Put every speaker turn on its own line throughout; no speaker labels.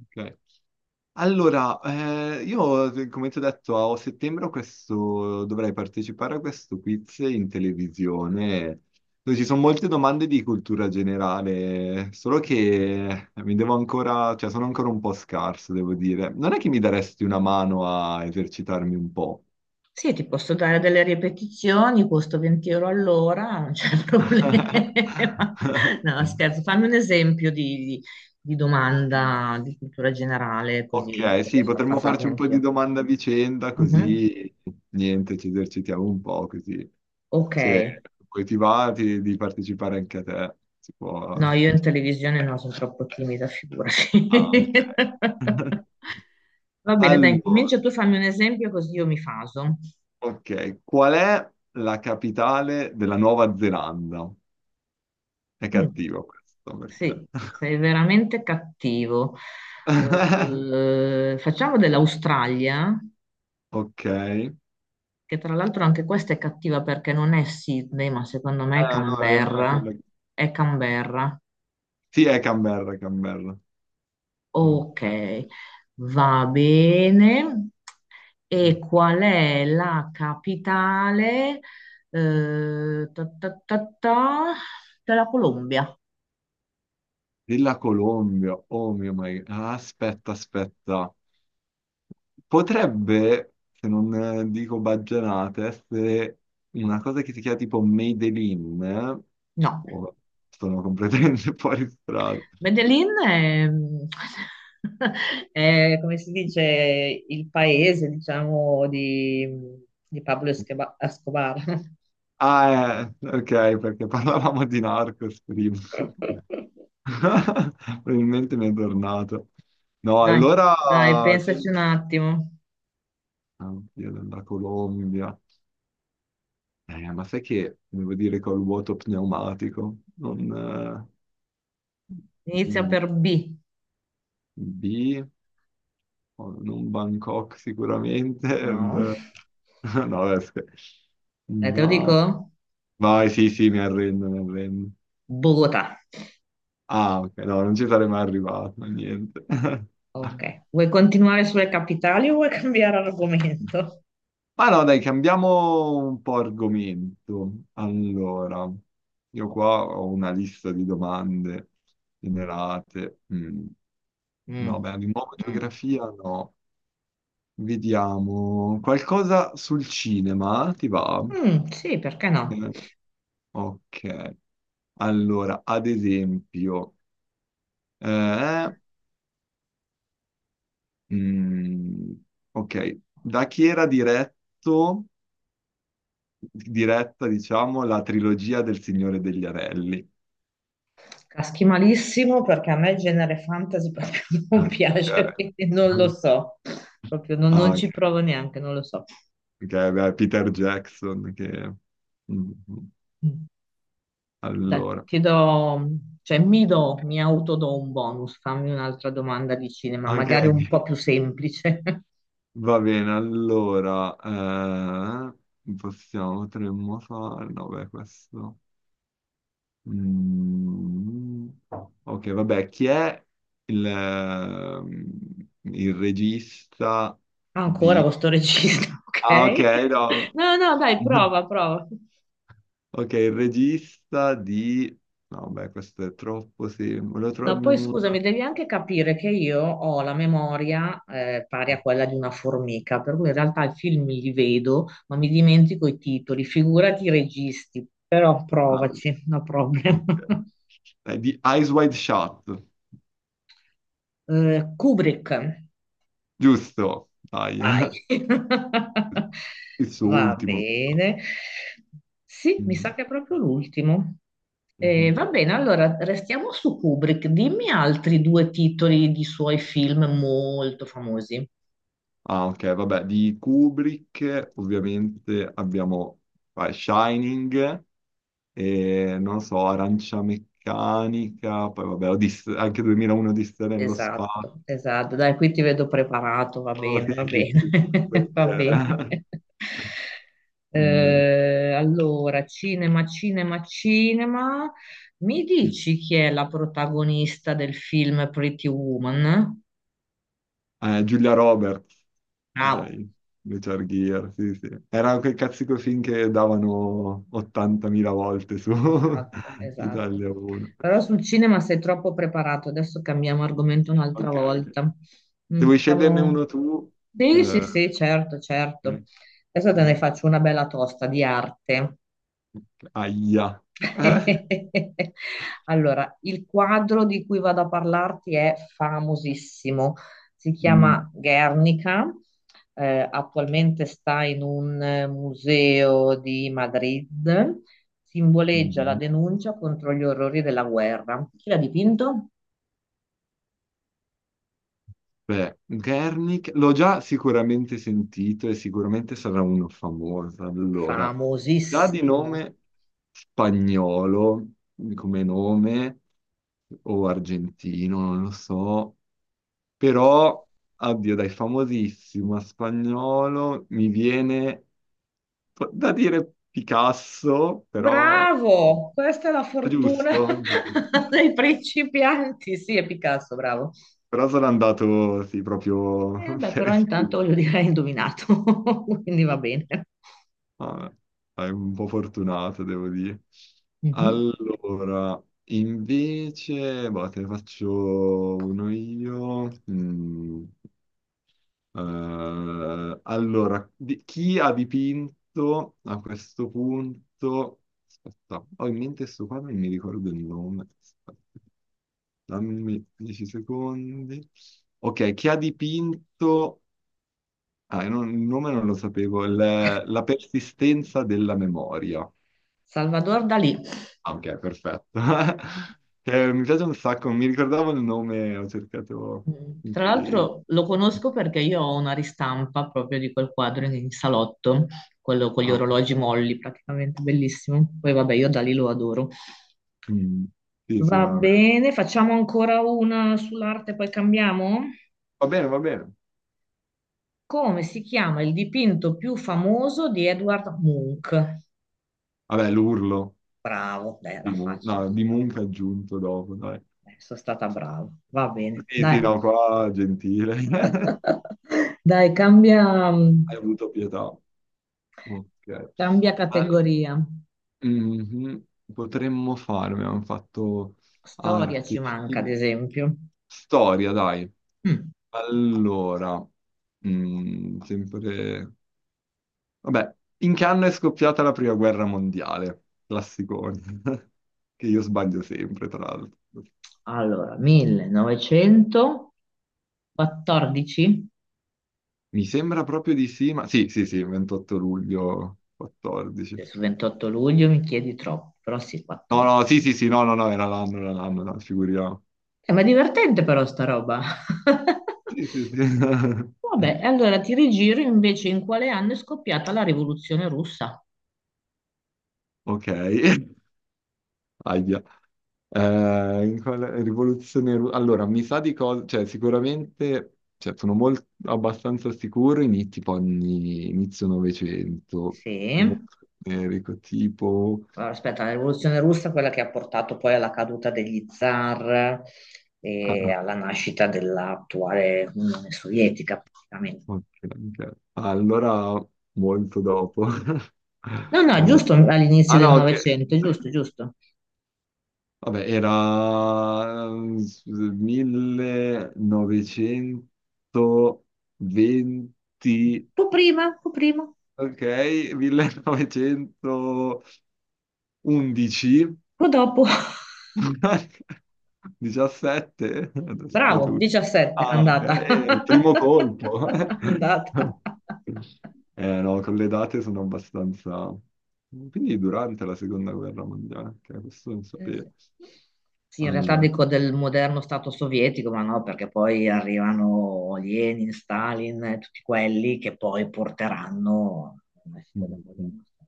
Ok. Allora, io come ti ho detto, a settembre ho questo, dovrei partecipare a questo quiz in televisione, dove ci sono molte domande di cultura generale. Solo che mi devo ancora, cioè sono ancora un po' scarso, devo dire. Non è che mi daresti una mano a esercitarmi un po'?
Sì, ti posso dare delle ripetizioni, costo 20 euro all'ora, non c'è problema. No, scherzo, fammi un esempio di domanda di cultura generale, così
Ok, sì,
riesco a
potremmo farci
fasarmi
un po' di
anch'io.
domanda a vicenda,
Mhm.
così niente, ci esercitiamo un po' così.
Ok,
Sì, poi ti va di partecipare anche a te. Si
no,
può...
io in televisione no, sono troppo timida, figurati.
Ah, ok.
Va bene, dai,
Allora,
incomincia tu, fammi un esempio così io mi faso.
ok, qual è la capitale della Nuova Zelanda? È
Mm.
cattivo questo,
Sì,
perché...
sei veramente cattivo. Facciamo dell'Australia,
Ok.
che tra l'altro anche questa è cattiva perché non è Sydney, ma secondo me è
No, è vero, non è
Canberra.
quella...
È Canberra.
Sì, è Canberra, è Canberra.
Ok,
Ok.
va bene. E qual è la capitale, ta ta ta ta, della Colombia?
Della Colombia, oh mio my... Ah, aspetta, aspetta. Potrebbe, se non dico baggianate, essere una cosa che si chiama tipo Made in, eh?
No.
Oh, sono completamente fuori strada.
Medellin è, è, come si dice, il paese, diciamo, di Escobar.
Ah, ok, perché parlavamo di Narcos prima. Probabilmente mi è tornato. No,
Dai,
allora...
dai, pensaci un attimo.
Oddio, della Colombia. Ma sai che devo dire col vuoto pneumatico? Non... eh,
Inizia
mm,
per B.
B... non Bangkok sicuramente.
No,
Beh. No, beh,
dai, te lo
vai,
dico?
vai, sì, sì, mi arrendo, mi arrendo.
Bogotà.
Ah, ok, no, non ci sarei mai arrivato, niente.
Ok. Vuoi continuare sulle capitali o vuoi cambiare argomento?
Ma no, dai, cambiamo un po' argomento. Allora, io qua ho una lista di domande generate. Mm. No,
Mm,
beh, di nuovo
mm.
geografia no. Vediamo qualcosa sul cinema, ti va?
Mm, sì, perché no?
Eh, Ok. Allora, ad esempio, eh, mm, ok, da chi era diretto, diretta, diciamo, la trilogia del Signore degli Anelli?
Caschi malissimo perché a me il genere fantasy proprio non
Ah.
piace,
Ok.
quindi non lo
Ah.
so, proprio non
Ah, ok,
ci provo neanche, non lo so.
ok, beh, Peter Jackson, che... Mhm.
Mm. Dai,
Allora,
cioè mi do, mi autodo un bonus, fammi un'altra domanda di cinema,
ok,
magari un po' più semplice.
va bene, allora, eh, possiamo, potremmo fare... No, beh, questo... Mm, ok, vabbè, chi è il, ehm, il regista
Ancora
di...
questo regista,
Ah, ok,
ok?
no.
No, no, dai, prova, prova.
Ok, il regista di... No, beh, questo è troppo semplice. Volevo
Ma
trovarne
poi scusami,
una.
devi anche capire che io ho la memoria pari a quella di una formica, per cui in realtà i film li vedo, ma mi dimentico i titoli, figurati i registi, però
Ah,
provaci, no problem.
ok. Di Eyes Wide Shut,
Kubrick,
giusto? Dai,
vai.
il suo
Va
ultimo, mi sa.
bene. Sì, mi sa
Mhm,
che è proprio l'ultimo.
mhm.
Va bene, allora restiamo su Kubrick. Dimmi altri due titoli di suoi film molto famosi.
Ah, ok, vabbè, di Kubrick ovviamente abbiamo Shining, e, non so, Arancia Meccanica, poi vabbè, anche 2001 Odissea nello spazio.
Esatto, esatto. Dai, qui ti vedo preparato,
Oh, sì,
va
sì,
bene,
sì, Kubrick,
va bene.
eh. Non me-
Allora, cinema, cinema, cinema. Mi dici chi è la protagonista del film Pretty Woman?
Giulia Roberts,
Bravo.
dai, Richard Gere, sì, sì. Era quel cazzico film che davano 80.000 volte su
Esatto, esatto.
Italia 1.
Però sul cinema sei troppo preparato. Adesso cambiamo argomento un'altra
Ok, ok.
volta.
Se
Mm,
vuoi sceglierne
facciamo...
uno tu...
Sì, sì,
eh,
sì, certo, certo.
eh.
Adesso te ne faccio una bella tosta di arte.
Aia. Eh?
Allora, il quadro di cui vado a parlarti è famosissimo, si
Mm,
chiama Guernica, attualmente sta in un museo di Madrid, simboleggia la
mm,
denuncia contro gli orrori della guerra. Chi l'ha dipinto?
Beh, Gernik l'ho già sicuramente sentito e sicuramente sarà uno famoso. Allora, già di
Famosissimo.
nome spagnolo, come nome, o argentino, non lo so, però, addio, dai, famosissimo a spagnolo mi viene da dire Picasso, però
Bravo! Questa è la fortuna
giusto.
dei principianti. Sì, è Picasso, bravo.
Però sono andato, sì, proprio
Beh,
per...
però
esclusione.
intanto voglio dire, hai indovinato, quindi va bene.
Vabbè, dai, un po' fortunato, devo dire.
Mhm.
Allora, invece, boh, te ne faccio uno io. Allora, chi ha dipinto a questo punto... Aspetta, ho in mente sto quadro, non mi ricordo il nome. Aspetta, dammi 10 secondi. Ok, chi ha dipinto, ah, io il nome non lo sapevo, la persistenza della memoria.
Salvador Dalì.
Ah, ok, perfetto. Mi piace un sacco, non mi ricordavo il nome, ho cercato
Mm.
in
Tra
cui...
l'altro lo conosco perché io ho una ristampa proprio di quel quadro in salotto, quello con gli
Ah,
orologi molli, praticamente bellissimo. Poi vabbè, io Dalì lo adoro.
mm, sì, sì,
Va
no, vabbè.
bene, facciamo ancora una sull'arte, poi cambiamo.
Va bene, va bene.
Come si chiama il dipinto più famoso di Edward Munch?
Vabbè, l'urlo
Bravo, beh,
di,
era facile.
No, di Munch aggiunto dopo, dai.
Sono stata brava. Va bene,
Sì,
dai.
sì, no, qua gentile.
Dai, cambia,
Hai avuto pietà. Ok.
cambia categoria.
Mhm. Potremmo fare, abbiamo fatto
Storia ci
arte,
manca, ad
cinema,
esempio.
storia, dai.
Mm.
Allora, sempre... Vabbè, in che anno è scoppiata la prima guerra mondiale? Classicone, che io sbaglio sempre, tra l'altro.
Allora, 1914.
Mi sembra proprio di sì, ma... Sì, sì, sì, 28 luglio 14.
Cioè, su 28 luglio mi chiedi troppo, però sì,
No,
14.
no, sì, sì, sì, no, no, no, era l'anno, no, figuriamo.
Ma è divertente però sta roba.
Sì, sì, sì.
Vabbè, allora ti rigiro invece in quale anno è scoppiata la rivoluzione russa?
Ok. Ahia. In quale allora, mi sa di cosa, cioè sicuramente, cioè, sono molto, abbastanza sicuro, tipo anni, inizio Novecento, siamo
Sì.
generico, tipo...
Allora, aspetta, la rivoluzione russa è quella che ha portato poi alla caduta degli zar
ah,
e
ah,
alla nascita dell'attuale Unione Sovietica, praticamente.
ok, ok. Ah, allora, molto dopo.
No, no, è
Eh,
giusto all'inizio
ah no,
del
ok.
Novecento, è giusto, è giusto.
Vabbè, era 1920...
Tu prima,
Ok, 1911, 17,
tu dopo.
adesso
Bravo,
tu.
17,
Ah, ok,
andata.
il primo colpo.
Andata.
Eh no, con le date sono abbastanza... Quindi durante la seconda guerra mondiale, ok, questo non
Eh
sapevo.
sì. Sì, in realtà
Allora,
dico del moderno Stato sovietico, ma no, perché poi arrivano Lenin, Stalin, tutti quelli che poi porteranno una città del
mm, mm,
moderno Stato.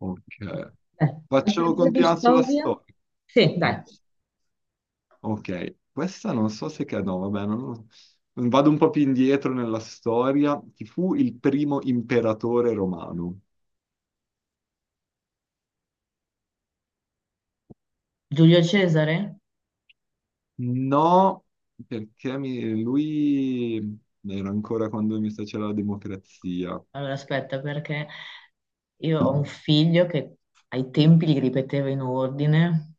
ok.
Beh, altre
Faccio
due di
continuare sulla
storia?
storia.
Sì,
Ok.
dai.
Ok, questa non so se che... No, vabbè, non... vado un po' più indietro nella storia. Chi fu il primo imperatore romano?
Giulio Cesare?
No, perché lui era ancora quando mi sa c'era la democrazia.
Allora, aspetta, perché io ho un figlio che ai tempi li ripeteva in ordine,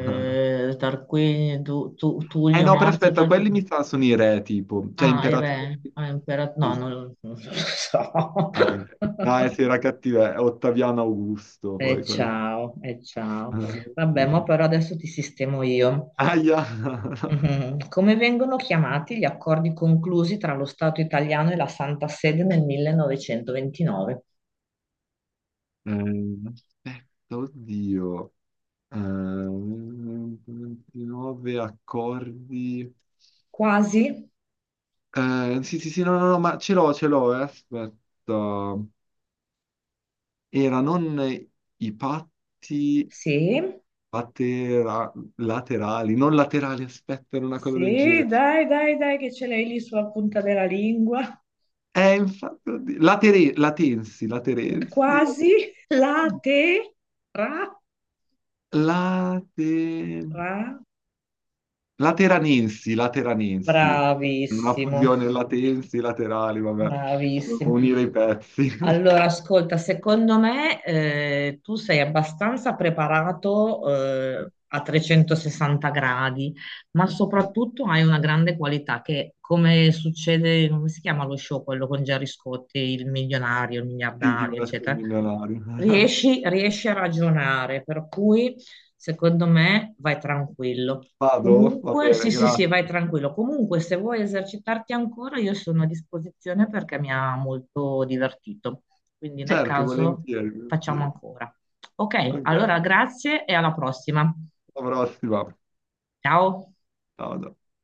Tarquinio,
Eh
Tullio,
no, però
Marzio,
aspetta, quelli
Tarquinio.
mi sa sono i re, tipo, cioè
Ah, il
imperatori...
re, ah, imperatore,
Sì,
no,
sì,
non lo so.
anche. No, sì, era cattivo, Ottaviano Augusto,
E
poi quello.
ciao, e ciao. Vabbè,
Sì,
ma
sì.
però adesso ti sistemo io.
Aia!
Mhm. Come vengono chiamati gli accordi conclusi tra lo Stato italiano e la Santa Sede nel 1929?
Aspetta, oddio. 29 accordi.
Quasi?
Sì, sì, sì, no, no, no, ma ce l'ho, aspetta. Era non i patti
Sì,
laterali, non laterali, aspetta, era una cosa del
sì,
genere.
dai, dai, dai, che ce l'hai lì sulla punta della lingua.
Infatti, oddio, latensi, laterensi,
Quasi? La te? Ra?
late-
Ra?
lateranensi, lateranensi. Una
Bravissimo.
fusione latensi, laterali, vabbè,
Bravissimo.
unire i pezzi.
Allora, ascolta, secondo me tu sei abbastanza preparato a 360 gradi, ma soprattutto hai una grande qualità che, come succede, come si chiama lo show, quello con Gerry Scotti, il milionario, il
Sì, chi
miliardario,
vuole essere
eccetera,
milionario.
riesci a ragionare, per cui secondo me vai tranquillo.
Vado? Va
Comunque, sì,
bene,
sì, sì, vai
grazie.
tranquillo. Comunque, se vuoi esercitarti ancora, io sono a disposizione perché mi ha molto divertito. Quindi, nel
Certo,
caso,
volentieri,
facciamo
volentieri.
ancora. Ok,
Ok,
allora grazie e alla prossima.
alla prossima.
Ciao.
Ciao. Ciao.